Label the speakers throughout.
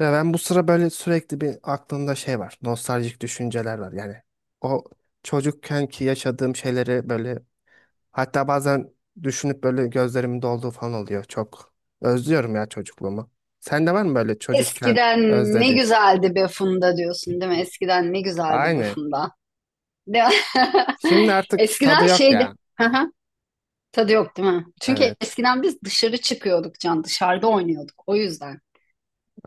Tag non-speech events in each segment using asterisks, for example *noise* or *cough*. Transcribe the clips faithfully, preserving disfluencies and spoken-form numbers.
Speaker 1: Ya ben bu sıra böyle sürekli bir aklımda şey var. Nostaljik düşünceler var. Yani o çocukken ki yaşadığım şeyleri böyle, hatta bazen düşünüp böyle gözlerimin dolduğu falan oluyor. Çok özlüyorum ya çocukluğumu. Sende var mı böyle çocukken
Speaker 2: Eskiden ne
Speaker 1: özlediğin?
Speaker 2: güzeldi be Funda diyorsun değil mi? Eskiden ne güzeldi be
Speaker 1: Aynen.
Speaker 2: Funda. Değil mi?
Speaker 1: Şimdi
Speaker 2: *laughs*
Speaker 1: artık tadı
Speaker 2: Eskiden
Speaker 1: yok
Speaker 2: şeydi.
Speaker 1: ya.
Speaker 2: Hı hı. Tadı yok değil mi? Çünkü
Speaker 1: Evet.
Speaker 2: eskiden biz dışarı çıkıyorduk Can, dışarıda oynuyorduk o yüzden.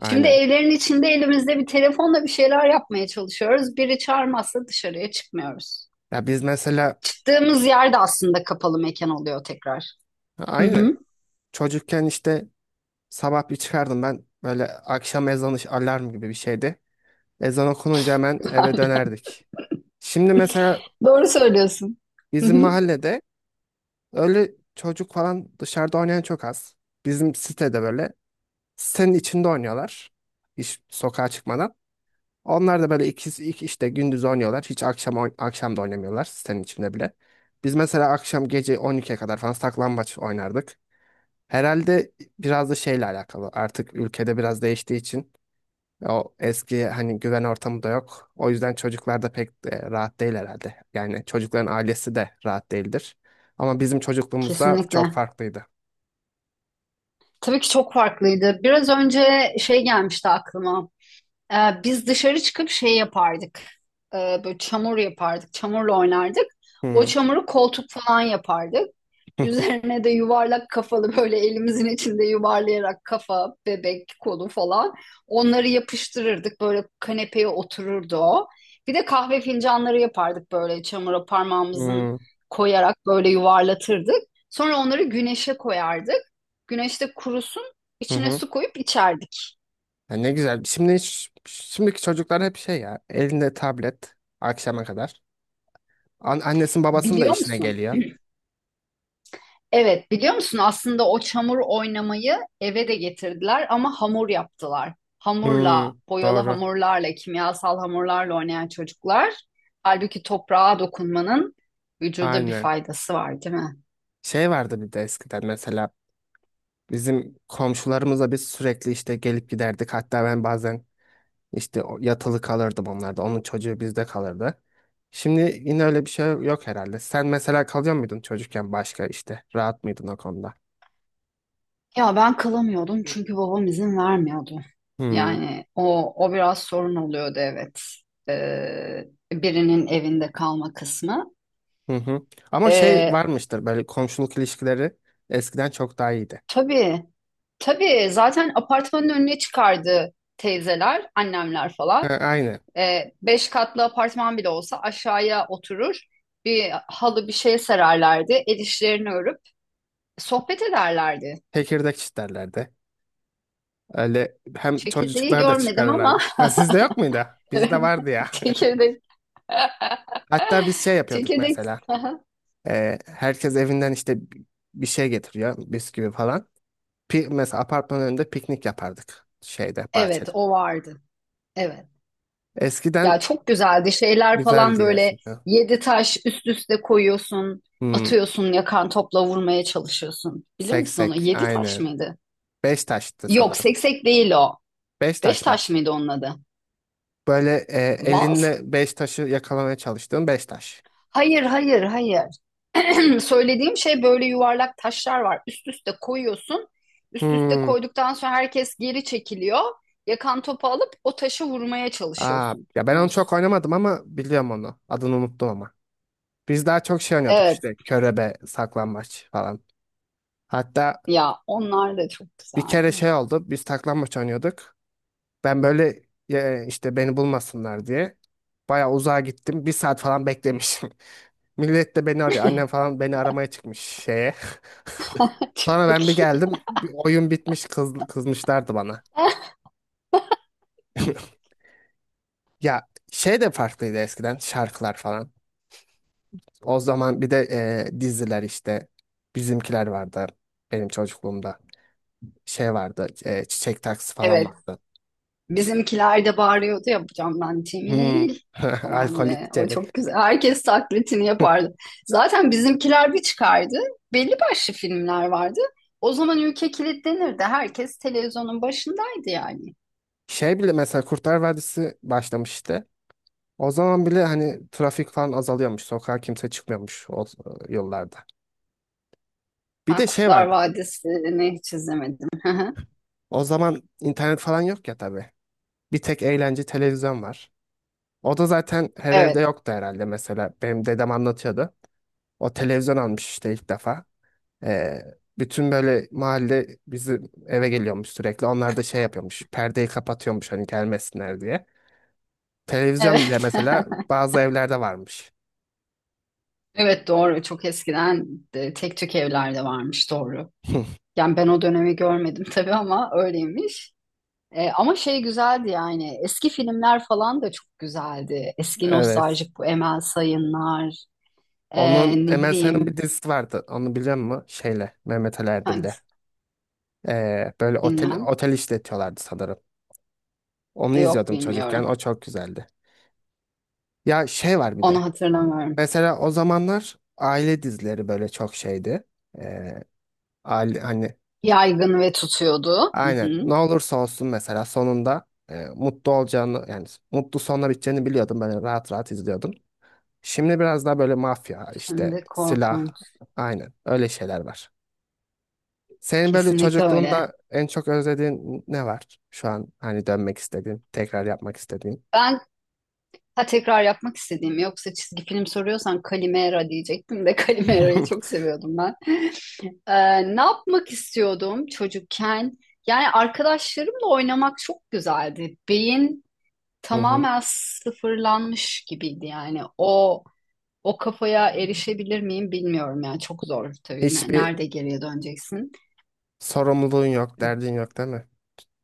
Speaker 2: Şimdi evlerin içinde elimizde bir telefonla bir şeyler yapmaya çalışıyoruz. Biri çağırmazsa dışarıya çıkmıyoruz.
Speaker 1: Ya biz mesela
Speaker 2: Çıktığımız yerde aslında kapalı mekan oluyor tekrar. Hı
Speaker 1: aynen
Speaker 2: hı.
Speaker 1: çocukken işte sabah bir çıkardım ben, böyle akşam ezanı alarm gibi bir şeydi. Ezan okununca hemen eve dönerdik. Şimdi mesela
Speaker 2: Doğru söylüyorsun. Hı
Speaker 1: bizim
Speaker 2: hı.
Speaker 1: mahallede öyle çocuk falan dışarıda oynayan çok az. Bizim sitede böyle sitenin içinde oynuyorlar. Hiç sokağa çıkmadan. Onlar da böyle iki, iki işte gündüz oynuyorlar. Hiç akşam oyn- akşam da oynamıyorlar sitenin içinde bile. Biz mesela akşam gece on ikiye kadar falan saklambaç oynardık. Herhalde biraz da şeyle alakalı. Artık ülkede biraz değiştiği için o eski hani güven ortamı da yok. O yüzden çocuklar da pek e, rahat değil herhalde. Yani çocukların ailesi de rahat değildir. Ama bizim çocukluğumuzda çok
Speaker 2: Kesinlikle.
Speaker 1: farklıydı.
Speaker 2: Tabii ki çok farklıydı. Biraz önce şey gelmişti aklıma. Ee, Biz dışarı çıkıp şey yapardık. Ee, böyle çamur yapardık. Çamurla oynardık. O
Speaker 1: Hı *laughs*
Speaker 2: çamuru koltuk falan yapardık. Üzerine de yuvarlak kafalı böyle elimizin içinde yuvarlayarak kafa, bebek, kolu falan onları yapıştırırdık. Böyle kanepeye otururdu o. Bir de kahve fincanları yapardık böyle çamura parmağımızın
Speaker 1: hı
Speaker 2: koyarak böyle yuvarlatırdık. Sonra onları güneşe koyardık. Güneşte kurusun,
Speaker 1: hı.
Speaker 2: içine
Speaker 1: Hı.
Speaker 2: su koyup içerdik.
Speaker 1: Ya ne güzel. Şimdi hiç- şimdiki çocuklar hep şey ya, elinde tablet akşama kadar. An annesinin babasının da
Speaker 2: Biliyor
Speaker 1: işine
Speaker 2: musun?
Speaker 1: geliyor.
Speaker 2: Evet, biliyor musun aslında o çamur oynamayı eve de getirdiler ama hamur yaptılar.
Speaker 1: Hı,
Speaker 2: Hamurla, boyalı
Speaker 1: doğru.
Speaker 2: hamurlarla, kimyasal hamurlarla oynayan çocuklar. Halbuki toprağa dokunmanın vücuda bir
Speaker 1: Aynen.
Speaker 2: faydası var, değil mi?
Speaker 1: Şey vardı bir de eskiden mesela bizim komşularımızla biz sürekli işte gelip giderdik. Hatta ben bazen İşte o- yatılı kalırdım onlarda. Onun çocuğu bizde kalırdı. Şimdi yine öyle bir şey yok herhalde. Sen mesela kalıyor muydun çocukken başka işte? Rahat mıydın o konuda?
Speaker 2: Ya ben kalamıyordum çünkü babam izin vermiyordu.
Speaker 1: Hmm.
Speaker 2: Yani o o biraz sorun oluyordu evet. Ee, Birinin evinde kalma kısmı.
Speaker 1: Hı hı. Ama şey
Speaker 2: Ee,
Speaker 1: varmıştır, böyle komşuluk ilişkileri eskiden çok daha iyiydi.
Speaker 2: Tabii. Tabii zaten apartmanın önüne çıkardı teyzeler, annemler
Speaker 1: Ha,
Speaker 2: falan.
Speaker 1: aynı.
Speaker 2: Ee, beş katlı apartman bile olsa aşağıya oturur. Bir halı bir şey sererlerdi. El işlerini örüp sohbet ederlerdi.
Speaker 1: Tekirdek çitlerlerdi. Öyle hem
Speaker 2: Çekirdeği
Speaker 1: çocuklar da
Speaker 2: görmedim ama
Speaker 1: çıkarırlardı. Ha, sizde yok muydu?
Speaker 2: *laughs* evet,
Speaker 1: Bizde vardı ya.
Speaker 2: çekirdek.
Speaker 1: *laughs* Hatta biz şey
Speaker 2: *laughs*
Speaker 1: yapıyorduk
Speaker 2: Çekirdek. *laughs*
Speaker 1: mesela. Ee, herkes evinden işte bi- bir şey getiriyor. Bisküvi falan. Pi mesela apartmanın önünde piknik yapardık, şeyde
Speaker 2: Evet,
Speaker 1: bahçede.
Speaker 2: o vardı. Evet. Ya
Speaker 1: Eskiden
Speaker 2: çok güzeldi şeyler falan
Speaker 1: güzeldi
Speaker 2: böyle
Speaker 1: gerçekten.
Speaker 2: yedi taş üst üste koyuyorsun,
Speaker 1: Hmm,
Speaker 2: atıyorsun yakan topla vurmaya çalışıyorsun. Bilir misin onu?
Speaker 1: seksek
Speaker 2: Yedi taş
Speaker 1: aynen.
Speaker 2: mıydı?
Speaker 1: Beş taştı
Speaker 2: Yok
Speaker 1: sanırım.
Speaker 2: seksek değil o.
Speaker 1: Beş
Speaker 2: Beş
Speaker 1: taş mı?
Speaker 2: taş mıydı onun adı?
Speaker 1: Böyle e,
Speaker 2: Vaz?
Speaker 1: elinle beş taşı yakalamaya çalıştığın beş taş.
Speaker 2: Hayır, hayır, hayır. *clears throat* Söylediğim şey böyle yuvarlak taşlar var. Üst üste koyuyorsun. Üst üste
Speaker 1: Hmm.
Speaker 2: koyduktan sonra herkes geri çekiliyor. Yakan topu alıp o taşı vurmaya
Speaker 1: Aa, ya ben onu çok
Speaker 2: çalışıyorsunuz.
Speaker 1: oynamadım ama biliyorum onu. Adını unuttum ama. Biz daha çok şey oynuyorduk
Speaker 2: Evet,
Speaker 1: işte, körebe, saklambaç falan. Hatta
Speaker 2: ya onlar da çok
Speaker 1: bir kere
Speaker 2: güzeldi.
Speaker 1: şey oldu. Biz saklambaç oynuyorduk. Ben böyle e, işte beni bulmasınlar diye bayağı uzağa gittim. Bir saat falan beklemişim. *laughs* Millet de beni arıyor. Annem falan beni aramaya çıkmış şeye. Sonra
Speaker 2: *laughs*
Speaker 1: ben bir
Speaker 2: Çok iyi.
Speaker 1: geldim. Bir oyun bitmiş, kız, kızmışlardı bana. *laughs* Ya şey de farklıydı eskiden, şarkılar falan. O zaman bir de e, diziler işte bizimkiler vardı benim çocukluğumda. Şey vardı, e, Çiçek Taksi falan
Speaker 2: Evet.
Speaker 1: vardı.
Speaker 2: Bizimkiler de bağırıyordu ya bu camdan
Speaker 1: Hmm.
Speaker 2: Cemil
Speaker 1: *laughs*
Speaker 2: falan
Speaker 1: Alkolik
Speaker 2: diye. O
Speaker 1: Cemil.
Speaker 2: çok güzel. Herkes taklitini yapardı. Zaten bizimkiler bir çıkardı. Belli başlı filmler vardı. O zaman ülke kilitlenirdi. Herkes televizyonun başındaydı yani.
Speaker 1: Şey bile, mesela Kurtlar Vadisi başlamıştı. O zaman bile hani trafik falan azalıyormuş. Sokağa kimse çıkmıyormuş o e, yollarda. Bir
Speaker 2: Ben
Speaker 1: de şey
Speaker 2: Kurtlar
Speaker 1: vardı.
Speaker 2: Vadisi'ni hiç izlemedim. *laughs*
Speaker 1: O zaman internet falan yok ya tabii. Bir tek eğlence televizyon var. O da zaten her evde
Speaker 2: Evet.
Speaker 1: yoktu herhalde mesela. Benim dedem anlatıyordu. O televizyon almış işte ilk defa. Ee, Bütün böyle mahalle bizim eve geliyormuş sürekli. Onlar da şey yapıyormuş. Perdeyi kapatıyormuş hani gelmesinler diye. Televizyon bile
Speaker 2: Evet.
Speaker 1: mesela
Speaker 2: *laughs*
Speaker 1: bazı evlerde varmış.
Speaker 2: Evet, doğru. Çok eskiden de tek tük evlerde varmış, doğru.
Speaker 1: *laughs*
Speaker 2: Yani ben o dönemi görmedim tabii ama öyleymiş. E, ama şey güzeldi yani eski filmler falan da çok güzeldi. Eski
Speaker 1: Evet.
Speaker 2: nostaljik bu Emel Sayınlar, e,
Speaker 1: Onun,
Speaker 2: ne
Speaker 1: Emel Sayın'ın bir
Speaker 2: bileyim
Speaker 1: dizisi vardı. Onu biliyor musun? Şeyle, Mehmet Ali Erbil'le.
Speaker 2: hangisi
Speaker 1: Ee, böyle otel
Speaker 2: bilmem.
Speaker 1: otel işletiyorlardı sanırım. Onu
Speaker 2: E, yok,
Speaker 1: izliyordum çocukken.
Speaker 2: bilmiyorum.
Speaker 1: O çok güzeldi. Ya şey var bir
Speaker 2: Onu
Speaker 1: de.
Speaker 2: hatırlamıyorum.
Speaker 1: Mesela o zamanlar aile dizileri böyle çok şeydi. Ee, Aile, hani
Speaker 2: Yaygın ve tutuyordu. Hı
Speaker 1: aynen
Speaker 2: hı.
Speaker 1: ne olursa olsun mesela sonunda e, mutlu olacağını, yani mutlu sonla biteceğini biliyordum. Böyle rahat rahat izliyordum. Şimdi biraz daha böyle mafya işte
Speaker 2: Şimdi
Speaker 1: silah,
Speaker 2: korkunç.
Speaker 1: aynen öyle şeyler var. Senin böyle
Speaker 2: Kesinlikle öyle.
Speaker 1: çocukluğunda en çok özlediğin ne var? Şu an hani dönmek istediğin, tekrar yapmak istediğin.
Speaker 2: Ben, ha, tekrar yapmak istediğim yoksa çizgi film soruyorsan Kalimera diyecektim de *laughs* Kalimera'yı çok
Speaker 1: *laughs*
Speaker 2: seviyordum ben. E, ne yapmak istiyordum çocukken? Yani arkadaşlarımla oynamak çok güzeldi. Beyin
Speaker 1: Hı hı.
Speaker 2: tamamen sıfırlanmış gibiydi yani. O o kafaya erişebilir miyim bilmiyorum yani çok zor tabii. Ne-
Speaker 1: Hiçbir
Speaker 2: Nerede geriye döneceksin?
Speaker 1: sorumluluğun yok, derdin yok değil mi?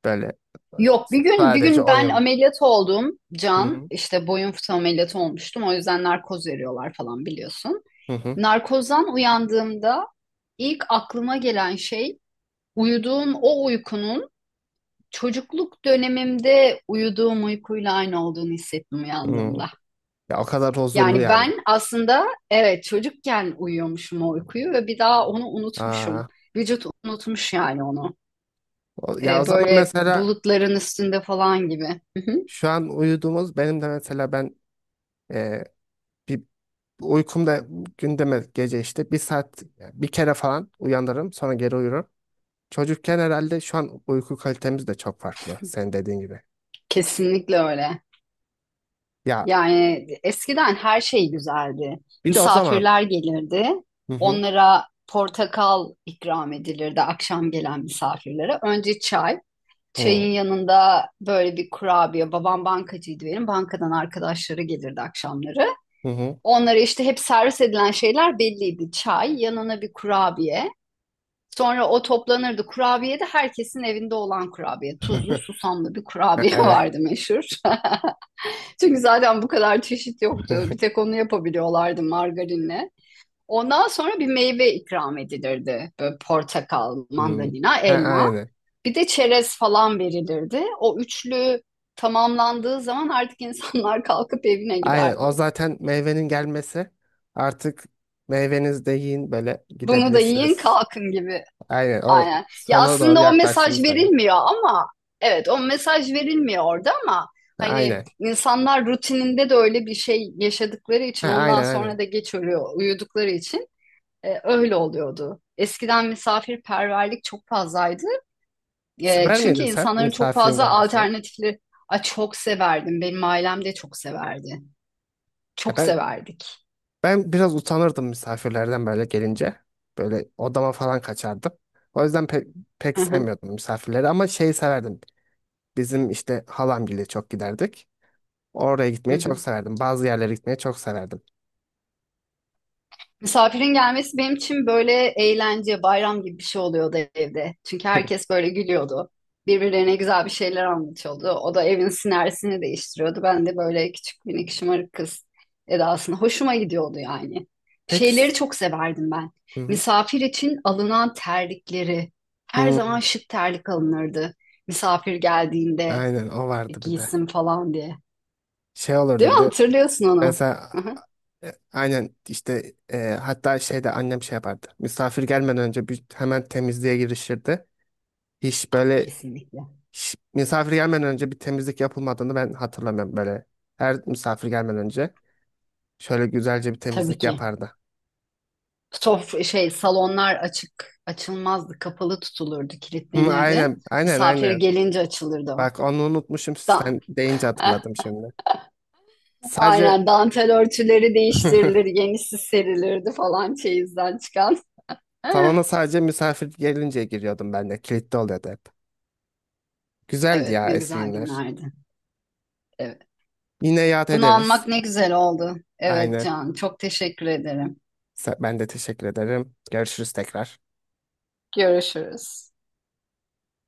Speaker 1: Böyle e,
Speaker 2: Yok, bir gün bir
Speaker 1: sadece
Speaker 2: gün ben
Speaker 1: oyun.
Speaker 2: ameliyat oldum
Speaker 1: Hı
Speaker 2: Can,
Speaker 1: hı.
Speaker 2: işte boyun fıtığı ameliyatı olmuştum, o yüzden narkoz veriyorlar falan biliyorsun.
Speaker 1: Hı hı.
Speaker 2: Narkozdan uyandığımda ilk aklıma gelen şey uyuduğum o uykunun çocukluk dönemimde uyuduğum uykuyla aynı olduğunu hissettim
Speaker 1: Hı.
Speaker 2: uyandığımda.
Speaker 1: Ya o kadar huzurlu
Speaker 2: Yani
Speaker 1: yani.
Speaker 2: ben aslında evet çocukken uyuyormuşum o uykuyu ve bir daha onu unutmuşum.
Speaker 1: Aa,
Speaker 2: Vücut unutmuş yani onu.
Speaker 1: o- ya o
Speaker 2: Ee,
Speaker 1: zaman
Speaker 2: böyle
Speaker 1: mesela
Speaker 2: bulutların üstünde falan gibi. Hı hı.
Speaker 1: şu an uyuduğumuz, benim de mesela ben e, bir uykumda gündeme gece işte bir saat, yani bir kere falan uyanırım sonra geri uyurum. Çocukken herhalde şu an uyku kalitemiz de çok farklı. Sen dediğin gibi.
Speaker 2: Kesinlikle öyle.
Speaker 1: Ya
Speaker 2: Yani eskiden her şey güzeldi.
Speaker 1: bir de o zaman
Speaker 2: Misafirler gelirdi.
Speaker 1: hı hı
Speaker 2: Onlara portakal ikram edilirdi, akşam gelen misafirlere. Önce çay.
Speaker 1: hı
Speaker 2: Çayın yanında böyle bir kurabiye. Babam bankacıydı benim. Bankadan arkadaşları gelirdi akşamları.
Speaker 1: hı hı.
Speaker 2: Onlara işte hep servis edilen şeyler belliydi. Çay, yanına bir kurabiye. Sonra o toplanırdı. Kurabiye de herkesin evinde olan kurabiye. Tuzlu,
Speaker 1: *laughs*
Speaker 2: susamlı bir
Speaker 1: Ha,
Speaker 2: kurabiye
Speaker 1: evet.
Speaker 2: vardı meşhur. *laughs* Çünkü zaten bu kadar çeşit yoktu. Bir tek
Speaker 1: *laughs*
Speaker 2: onu yapabiliyorlardı margarinle. Ondan sonra bir meyve ikram edilirdi. Böyle portakal,
Speaker 1: Hı.
Speaker 2: mandalina,
Speaker 1: Ha,
Speaker 2: elma.
Speaker 1: aynen.
Speaker 2: Bir de çerez falan verilirdi. O üçlü tamamlandığı zaman artık insanlar *laughs* kalkıp evine
Speaker 1: Aynen.
Speaker 2: giderdi.
Speaker 1: O zaten meyvenin gelmesi. Artık meyvenizi de yiyin, böyle
Speaker 2: Bunu da yiyin
Speaker 1: gidebilirsiniz.
Speaker 2: kalkın gibi.
Speaker 1: Aynen. O
Speaker 2: Aynen. Ya
Speaker 1: sona doğru
Speaker 2: aslında o mesaj
Speaker 1: yaklaştığını söylüyorum.
Speaker 2: verilmiyor ama evet o mesaj verilmiyor orada ama
Speaker 1: Ha,
Speaker 2: hani
Speaker 1: aynen.
Speaker 2: insanlar rutininde de öyle bir şey yaşadıkları
Speaker 1: Ha,
Speaker 2: için ondan
Speaker 1: aynen
Speaker 2: sonra
Speaker 1: aynen.
Speaker 2: da geç ölüyor uyudukları için e, öyle oluyordu. Eskiden misafirperverlik çok fazlaydı. E,
Speaker 1: Sever
Speaker 2: çünkü
Speaker 1: miydin sen
Speaker 2: insanların çok
Speaker 1: misafirin
Speaker 2: fazla
Speaker 1: gelmesini?
Speaker 2: alternatifleri. Ay, çok severdim. Benim ailem de çok severdi.
Speaker 1: Ya
Speaker 2: Çok
Speaker 1: ben,
Speaker 2: severdik.
Speaker 1: ben biraz utanırdım misafirlerden böyle gelince. Böyle odama falan kaçardım. O yüzden pek, pek
Speaker 2: Hı hı.
Speaker 1: sevmiyordum misafirleri, ama şeyi severdim. Bizim işte halamgile çok giderdik. Oraya
Speaker 2: Hı
Speaker 1: gitmeyi çok
Speaker 2: hı.
Speaker 1: severdim. Bazı yerlere gitmeyi çok severdim.
Speaker 2: Misafirin gelmesi benim için böyle eğlence, bayram gibi bir şey oluyordu evde. Çünkü
Speaker 1: *laughs*
Speaker 2: herkes böyle gülüyordu. Birbirlerine güzel bir şeyler anlatıyordu. O da evin sinersini değiştiriyordu. Ben de böyle küçük minik şımarık kız edasını hoşuma gidiyordu yani.
Speaker 1: Peki. s-
Speaker 2: Şeyleri çok severdim ben.
Speaker 1: Hı hı.
Speaker 2: Misafir için alınan terlikleri. Her
Speaker 1: Hı,
Speaker 2: zaman şık terlik alınırdı. Misafir geldiğinde
Speaker 1: aynen o
Speaker 2: "E,
Speaker 1: vardı bir de.
Speaker 2: giysin" falan diye.
Speaker 1: Şey
Speaker 2: Değil
Speaker 1: olurdu
Speaker 2: mi?
Speaker 1: bir de.
Speaker 2: Hatırlıyorsun onu.
Speaker 1: Mesela
Speaker 2: Hı hı.
Speaker 1: e, aynen işte e, hatta şeyde annem şey yapardı. Misafir gelmeden önce bir, hemen temizliğe girişirdi. Hiç böyle
Speaker 2: Kesinlikle.
Speaker 1: Ş- misafir gelmeden önce bir temizlik yapılmadığını ben hatırlamıyorum böyle. Her misafir gelmeden önce şöyle güzelce bir
Speaker 2: Tabii
Speaker 1: temizlik
Speaker 2: ki.
Speaker 1: yapardı.
Speaker 2: Sof şey, salonlar açık açılmazdı, kapalı tutulurdu,
Speaker 1: Hı,
Speaker 2: kilitlenirdi.
Speaker 1: aynen, aynen,
Speaker 2: Misafir
Speaker 1: aynen.
Speaker 2: gelince açılırdı o.
Speaker 1: Bak onu unutmuşum,
Speaker 2: Da.
Speaker 1: sen deyince hatırladım
Speaker 2: *laughs*
Speaker 1: şimdi. Sadece
Speaker 2: Aynen, dantel örtüleri değiştirilir,
Speaker 1: *laughs*
Speaker 2: yenisi serilirdi falan, çeyizden çıkan. *laughs*
Speaker 1: salona sadece misafir gelince giriyordum ben de. Kilitli oluyordu hep. Güzeldi
Speaker 2: Evet,
Speaker 1: ya
Speaker 2: ne
Speaker 1: eski
Speaker 2: güzel
Speaker 1: günler.
Speaker 2: günlerdi. Evet.
Speaker 1: Yine yad
Speaker 2: Bunu
Speaker 1: ederiz.
Speaker 2: anmak ne güzel oldu. Evet
Speaker 1: Aynen.
Speaker 2: Can, çok teşekkür ederim.
Speaker 1: Sa- Ben de teşekkür ederim. Görüşürüz tekrar.
Speaker 2: Görüşürüz.